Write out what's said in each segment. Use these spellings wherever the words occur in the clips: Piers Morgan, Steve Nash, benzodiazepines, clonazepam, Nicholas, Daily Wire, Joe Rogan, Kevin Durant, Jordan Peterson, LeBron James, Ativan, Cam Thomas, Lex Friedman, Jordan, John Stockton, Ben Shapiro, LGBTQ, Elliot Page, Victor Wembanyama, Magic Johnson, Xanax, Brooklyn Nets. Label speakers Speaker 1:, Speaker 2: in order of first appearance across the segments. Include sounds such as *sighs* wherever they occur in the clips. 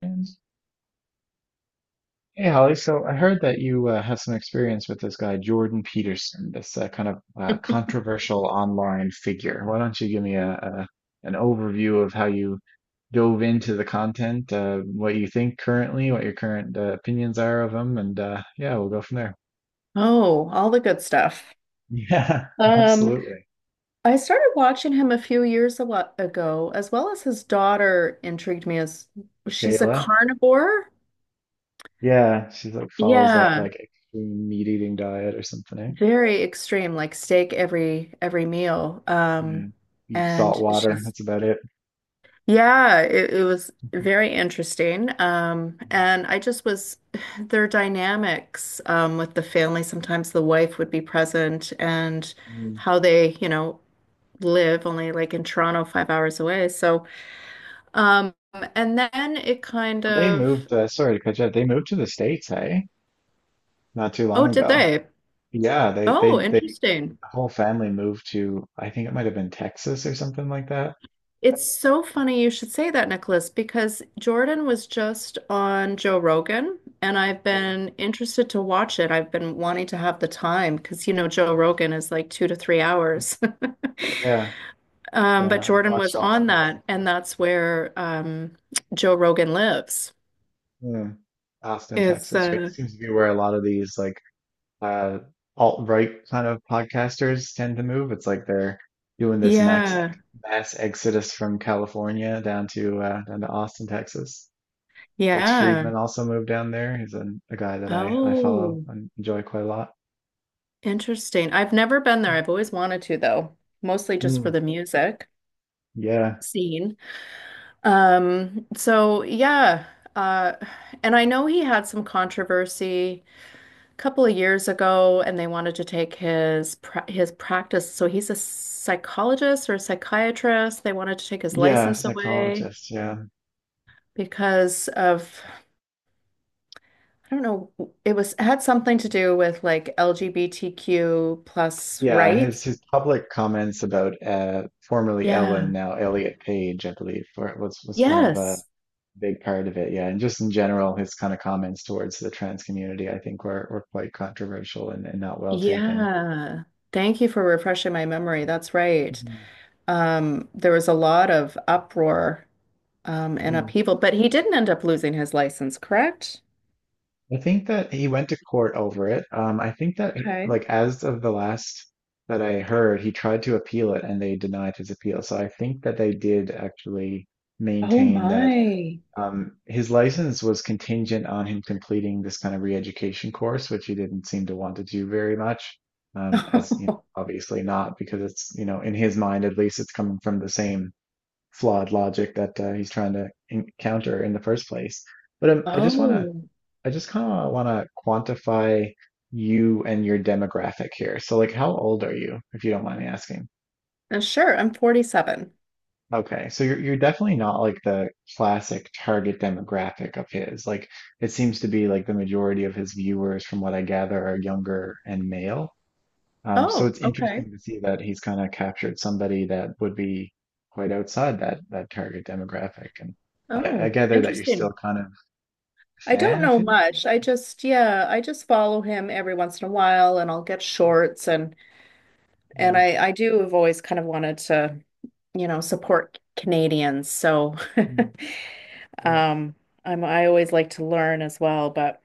Speaker 1: And hey, Holly, so I heard that you have some experience with this guy, Jordan Peterson, this kind of
Speaker 2: *laughs*
Speaker 1: controversial online figure. Why don't you give me a an overview of how you dove into the content, what you think currently, what your current opinions are of him, and yeah, we'll go from there. *laughs*
Speaker 2: Oh, all the good stuff.
Speaker 1: Yeah,
Speaker 2: Um,
Speaker 1: absolutely.
Speaker 2: I started watching him a few years ago, as well as his daughter intrigued me, as she's a
Speaker 1: Kayla.
Speaker 2: carnivore.
Speaker 1: Yeah, she like follows that
Speaker 2: Yeah,
Speaker 1: like extreme meat eating diet or something, eh?
Speaker 2: very extreme, like steak every meal.
Speaker 1: Yeah. Beef, salt
Speaker 2: And
Speaker 1: water,
Speaker 2: she's
Speaker 1: that's about it.
Speaker 2: Yeah, it was very interesting. And I just was *sighs* their dynamics with the family. Sometimes the wife would be present, and
Speaker 1: Mm.
Speaker 2: how they, live only like in Toronto, 5 hours away. So, um, and then it kind
Speaker 1: They
Speaker 2: of,
Speaker 1: moved, sorry to cut you off. They moved to the States, hey? Not too long
Speaker 2: oh, did
Speaker 1: ago.
Speaker 2: they?
Speaker 1: Yeah,
Speaker 2: Oh,
Speaker 1: the
Speaker 2: interesting.
Speaker 1: whole family moved to I think it might have been Texas or something like that.
Speaker 2: It's so funny you should say that, Nicholas, because Jordan was just on Joe Rogan, and I've
Speaker 1: Yeah,
Speaker 2: been interested to watch it. I've been wanting to have the time because, Joe Rogan is like 2 to 3 hours. *laughs*
Speaker 1: yeah,
Speaker 2: But
Speaker 1: yeah. I've
Speaker 2: Jordan
Speaker 1: watched
Speaker 2: was
Speaker 1: lots of
Speaker 2: on
Speaker 1: places
Speaker 2: that, and
Speaker 1: before.
Speaker 2: that's where Joe Rogan lives.
Speaker 1: Hmm. Austin,
Speaker 2: Is
Speaker 1: Texas, right? Seems to be where a lot of these like uh alt-right kind of podcasters tend to move. It's like they're doing this max ex
Speaker 2: Yeah,
Speaker 1: mass exodus from California down to Austin, Texas. Lex
Speaker 2: yeah.
Speaker 1: Friedman also moved down there. He's a guy that I follow
Speaker 2: Oh.
Speaker 1: and enjoy quite a lot.
Speaker 2: Interesting. I've never been there. I've always wanted to, though, mostly just for
Speaker 1: Mm,
Speaker 2: the music
Speaker 1: yeah.
Speaker 2: scene. So yeah, uh, and I know he had some controversy a couple of years ago, and they wanted to take his practice. So he's a psychologist or a psychiatrist. They wanted to take his
Speaker 1: Yeah,
Speaker 2: license away
Speaker 1: psychologist. Yeah.
Speaker 2: because of, I don't know. It was had something to do with like LGBTQ plus
Speaker 1: Yeah, his
Speaker 2: rights.
Speaker 1: his public comments about formerly Ellen,
Speaker 2: Yeah.
Speaker 1: now Elliot Page, I believe, were, was kind of a
Speaker 2: Yes.
Speaker 1: big part of it. Yeah, and just in general, his kind of comments towards the trans community, I think, were quite controversial and not well taken.
Speaker 2: Yeah. Thank you for refreshing my memory. That's right. There was a lot of uproar, and
Speaker 1: Mhm.
Speaker 2: upheaval, but he didn't end up losing his license, correct?
Speaker 1: I think that he went to court over it. I think that,
Speaker 2: Okay.
Speaker 1: like, as of the last that I heard, he tried to appeal it and they denied his appeal. So I think that they did actually
Speaker 2: Oh
Speaker 1: maintain that
Speaker 2: my.
Speaker 1: his license was contingent on him completing this kind of re-education course, which he didn't seem to want to do very much. As you know,
Speaker 2: *laughs*
Speaker 1: obviously not because it's in his mind at least, it's coming from the same flawed logic that he's trying to encounter in the first place. But
Speaker 2: Oh,
Speaker 1: I just kind of want to quantify you and your demographic here. So, like, how old are you, if you don't mind me asking?
Speaker 2: sure. I'm 47.
Speaker 1: Okay, so you're definitely not like the classic target demographic of his. Like, it seems to be like the majority of his viewers, from what I gather, are younger and male. So
Speaker 2: Oh,
Speaker 1: it's
Speaker 2: okay.
Speaker 1: interesting to see that he's kind of captured somebody that would be quite outside that target demographic. And I
Speaker 2: Oh,
Speaker 1: gather that you're still
Speaker 2: interesting.
Speaker 1: kind of a
Speaker 2: I
Speaker 1: fan
Speaker 2: don't
Speaker 1: of
Speaker 2: know
Speaker 1: him.
Speaker 2: much. Yeah, I just follow him every once in a while, and I'll get shorts, and
Speaker 1: Yeah.
Speaker 2: I do have always kind of wanted to, support Canadians. So,
Speaker 1: Mm,
Speaker 2: *laughs*
Speaker 1: right.
Speaker 2: um, I always like to learn as well. But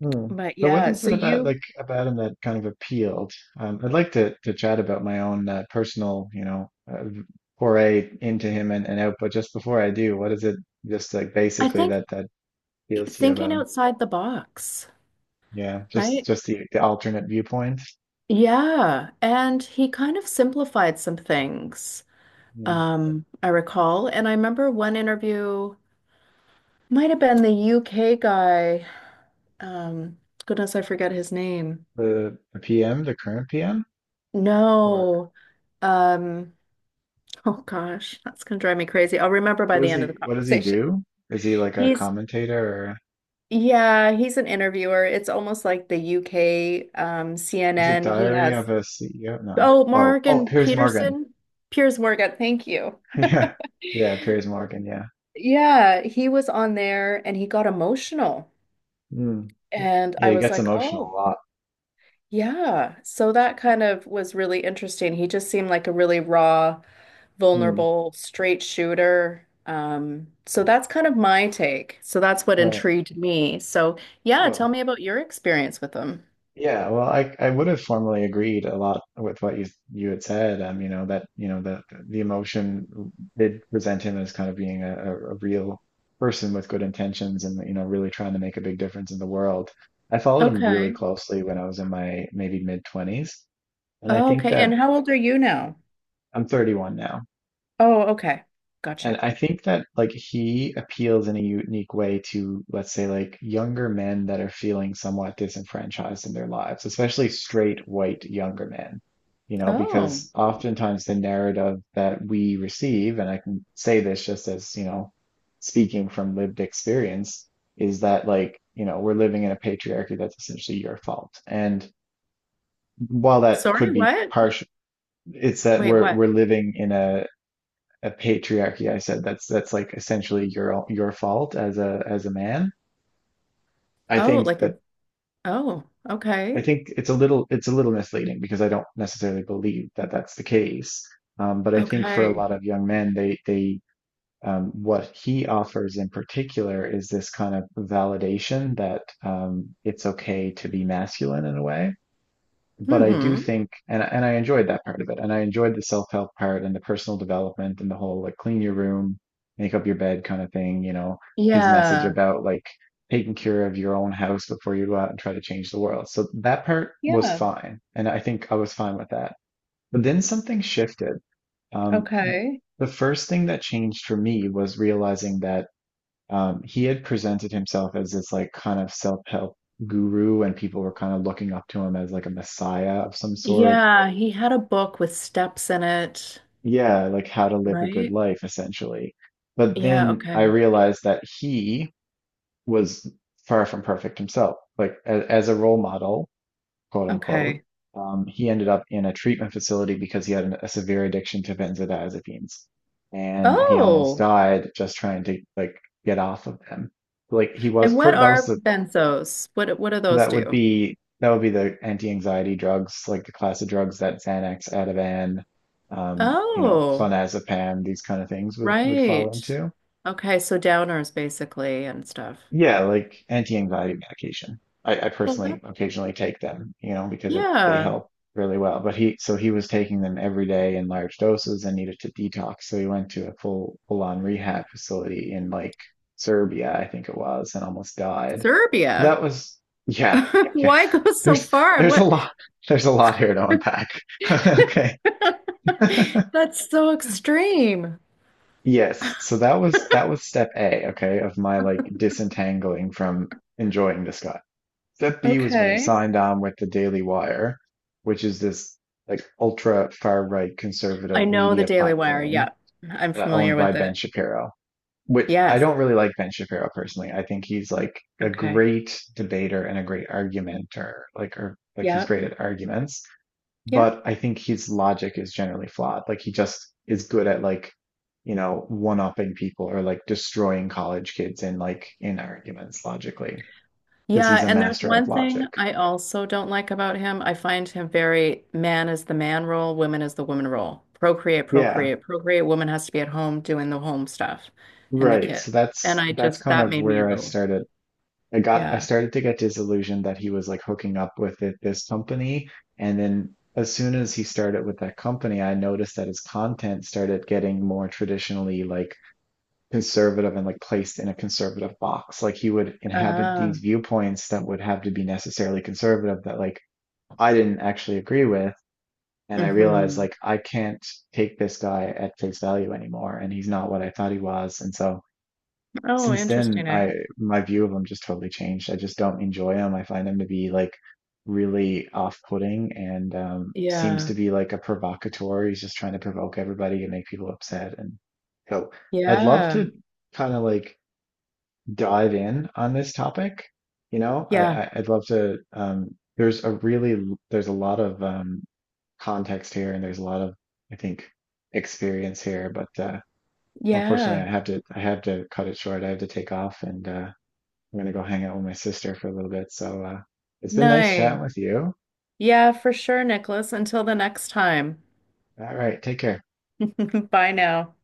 Speaker 1: Hmm.
Speaker 2: but
Speaker 1: But what
Speaker 2: yeah,
Speaker 1: is
Speaker 2: so
Speaker 1: it about
Speaker 2: you
Speaker 1: like about him that kind of appealed? I'd like to chat about my own personal, foray into him and out. But just before I do, what is it just like
Speaker 2: I
Speaker 1: basically
Speaker 2: think
Speaker 1: that appeals to you about
Speaker 2: thinking
Speaker 1: him?
Speaker 2: outside the box,
Speaker 1: Yeah, just
Speaker 2: right?
Speaker 1: just the alternate viewpoint.
Speaker 2: Yeah. And he kind of simplified some things,
Speaker 1: Mm.
Speaker 2: I recall. And I remember one interview, might have been the UK guy. Um, goodness, I forget his name.
Speaker 1: The PM, the current PM, or
Speaker 2: No. Um, Oh gosh, that's gonna drive me crazy. I'll remember by the end of the
Speaker 1: what does he
Speaker 2: conversation.
Speaker 1: do? Is he like a
Speaker 2: He's
Speaker 1: commentator or
Speaker 2: Yeah, he's an interviewer. It's almost like the UK
Speaker 1: is it
Speaker 2: CNN. He
Speaker 1: Diary
Speaker 2: has,
Speaker 1: of a CEO? No.
Speaker 2: oh,
Speaker 1: Oh, oh,
Speaker 2: Morgan
Speaker 1: Piers Morgan.
Speaker 2: Peterson, Piers Morgan. Thank you.
Speaker 1: *laughs* Yeah, yeah, Piers Morgan. Yeah.
Speaker 2: Yeah, he was on there and he got emotional.
Speaker 1: Hmm.
Speaker 2: And
Speaker 1: Yeah,
Speaker 2: I
Speaker 1: he
Speaker 2: was
Speaker 1: gets
Speaker 2: like,
Speaker 1: emotional a
Speaker 2: oh,
Speaker 1: lot.
Speaker 2: yeah. So that kind of was really interesting. He just seemed like a really raw,
Speaker 1: Hmm.
Speaker 2: vulnerable, straight shooter. So that's kind of my take. So that's what
Speaker 1: Right.
Speaker 2: intrigued me. So yeah, tell
Speaker 1: Well,
Speaker 2: me about your experience with them.
Speaker 1: yeah. Well, I would have formally agreed a lot with what you had said. You know that the emotion did present him as kind of being a real person with good intentions and you know really trying to make a big difference in the world. I followed him really
Speaker 2: Okay.
Speaker 1: closely when I was in my maybe mid twenties, and I
Speaker 2: Oh,
Speaker 1: think
Speaker 2: okay.
Speaker 1: that
Speaker 2: And how old are you now?
Speaker 1: I'm 31 now.
Speaker 2: Oh, okay.
Speaker 1: And
Speaker 2: Gotcha.
Speaker 1: I think that like he appeals in a unique way to, let's say, like younger men that are feeling somewhat disenfranchised in their lives, especially straight white younger men you know,
Speaker 2: Oh,
Speaker 1: because oftentimes the narrative that we receive, and I can say this just as, speaking from lived experience, is that like, we're living in a patriarchy that's essentially your fault. And while that
Speaker 2: sorry,
Speaker 1: could be
Speaker 2: what?
Speaker 1: partial, it's that
Speaker 2: Wait,
Speaker 1: we're
Speaker 2: what?
Speaker 1: we're living in a patriarchy. I said that's like essentially your fault as a man. I
Speaker 2: Oh,
Speaker 1: think
Speaker 2: like a,
Speaker 1: that
Speaker 2: oh,
Speaker 1: I
Speaker 2: okay.
Speaker 1: think it's a little misleading because I don't necessarily believe that that's the case. But I think for a
Speaker 2: Okay.
Speaker 1: lot of young men, they what he offers in particular is this kind of validation that it's okay to be masculine in a way. But I do
Speaker 2: Mm-hmm.
Speaker 1: think, and I enjoyed that part of it, and I enjoyed the self-help part and the personal development and the whole like clean your room, make up your bed kind of thing, his message
Speaker 2: Yeah.
Speaker 1: about like taking care of your own house before you go out and try to change the world. So that part was
Speaker 2: Yeah.
Speaker 1: fine, and I think I was fine with that. But then something shifted. Um,
Speaker 2: Okay.
Speaker 1: the first thing that changed for me was realizing that he had presented himself as this like kind of self-help guru, and people were kind of looking up to him as like a messiah of some sort.
Speaker 2: Yeah, he had a book with steps in it,
Speaker 1: Yeah, like how to live a good
Speaker 2: right?
Speaker 1: life, essentially. But
Speaker 2: Yeah,
Speaker 1: then I
Speaker 2: okay.
Speaker 1: realized that he was far from perfect himself. Like as a role model, quote unquote,
Speaker 2: Okay.
Speaker 1: he ended up in a treatment facility because he had a severe addiction to benzodiazepines, and he almost
Speaker 2: Oh,
Speaker 1: died just trying to like get off of them like he
Speaker 2: and
Speaker 1: was
Speaker 2: what
Speaker 1: for that was
Speaker 2: are
Speaker 1: the
Speaker 2: benzos? What do those
Speaker 1: That would
Speaker 2: do?
Speaker 1: be that would be the anti-anxiety drugs, like the class of drugs that Xanax, Ativan,
Speaker 2: Oh,
Speaker 1: clonazepam, these kind of things would fall
Speaker 2: right.
Speaker 1: into.
Speaker 2: Okay, so downers basically and stuff.
Speaker 1: Yeah, like anti-anxiety medication. I
Speaker 2: Well, that
Speaker 1: personally occasionally take them, because they
Speaker 2: yeah,
Speaker 1: help really well. But so he was taking them every day in large doses and needed to detox. So he went to a full-on rehab facility in like Serbia, I think it was, and almost died. So
Speaker 2: Serbia.
Speaker 1: that was, yeah,
Speaker 2: *laughs*
Speaker 1: yeah.
Speaker 2: Why
Speaker 1: *laughs*
Speaker 2: go so
Speaker 1: There's,
Speaker 2: far?
Speaker 1: there's a
Speaker 2: What?
Speaker 1: lot, there's a lot here to unpack. *laughs* Okay. *laughs*
Speaker 2: *laughs* That's so extreme. *laughs*
Speaker 1: Yes, so that was step A, okay, of my like disentangling from enjoying this guy. Step B was when he
Speaker 2: Okay.
Speaker 1: signed on with the Daily Wire, which is this like ultra far right
Speaker 2: I
Speaker 1: conservative
Speaker 2: know the
Speaker 1: media
Speaker 2: Daily Wire. Yeah,
Speaker 1: platform
Speaker 2: I'm
Speaker 1: owned
Speaker 2: familiar
Speaker 1: by
Speaker 2: with
Speaker 1: Ben
Speaker 2: it.
Speaker 1: Shapiro. Which I
Speaker 2: Yes.
Speaker 1: don't really like Ben Shapiro personally. I think he's like a
Speaker 2: Okay.
Speaker 1: great debater and a great argumenter, or like he's
Speaker 2: Yeah.
Speaker 1: great at arguments,
Speaker 2: Yeah.
Speaker 1: but I think his logic is generally flawed. Like he just is good at like one-upping people or like destroying college kids in arguments logically because he's
Speaker 2: Yeah,
Speaker 1: a
Speaker 2: and there's
Speaker 1: master of
Speaker 2: one
Speaker 1: logic.
Speaker 2: thing I also don't like about him. I find him very man is the man role, woman is the woman role. Procreate,
Speaker 1: Yeah.
Speaker 2: procreate, procreate. Woman has to be at home doing the home stuff and the
Speaker 1: Right.
Speaker 2: kid.
Speaker 1: So
Speaker 2: And
Speaker 1: that's that's kind
Speaker 2: that
Speaker 1: of
Speaker 2: made me a
Speaker 1: where I
Speaker 2: little,
Speaker 1: started. I
Speaker 2: yeah.
Speaker 1: started to get disillusioned that he was like hooking up with it, this company. And then as soon as he started with that company, I noticed that his content started getting more traditionally like conservative and like placed in a conservative box. Like he would inhabit
Speaker 2: Uh,
Speaker 1: these viewpoints that would have to be necessarily conservative that like I didn't actually agree with. And I realized
Speaker 2: mm-hmm.
Speaker 1: like I can't take this guy at face value anymore, and he's not what I thought he was. And so
Speaker 2: Oh,
Speaker 1: since then
Speaker 2: interesting, eh?
Speaker 1: I my view of them just totally changed. I just don't enjoy them. I find them to be like really off-putting and seems
Speaker 2: Yeah.
Speaker 1: to be like a provocateur. He's just trying to provoke everybody and make people upset. And so I'd love
Speaker 2: Yeah.
Speaker 1: to kind of like dive in on this topic. You know, I,
Speaker 2: Yeah.
Speaker 1: I I'd love to. There's a really there's a lot of context here, and there's a lot of I think experience here, but. Unfortunately,
Speaker 2: Yeah.
Speaker 1: I have to cut it short. I have to take off, and I'm gonna go hang out with my sister for a little bit. So it's been nice chatting
Speaker 2: Nice.
Speaker 1: with you.
Speaker 2: Yeah, for sure, Nicholas. Until the next time.
Speaker 1: All right, take care.
Speaker 2: *laughs* Bye now.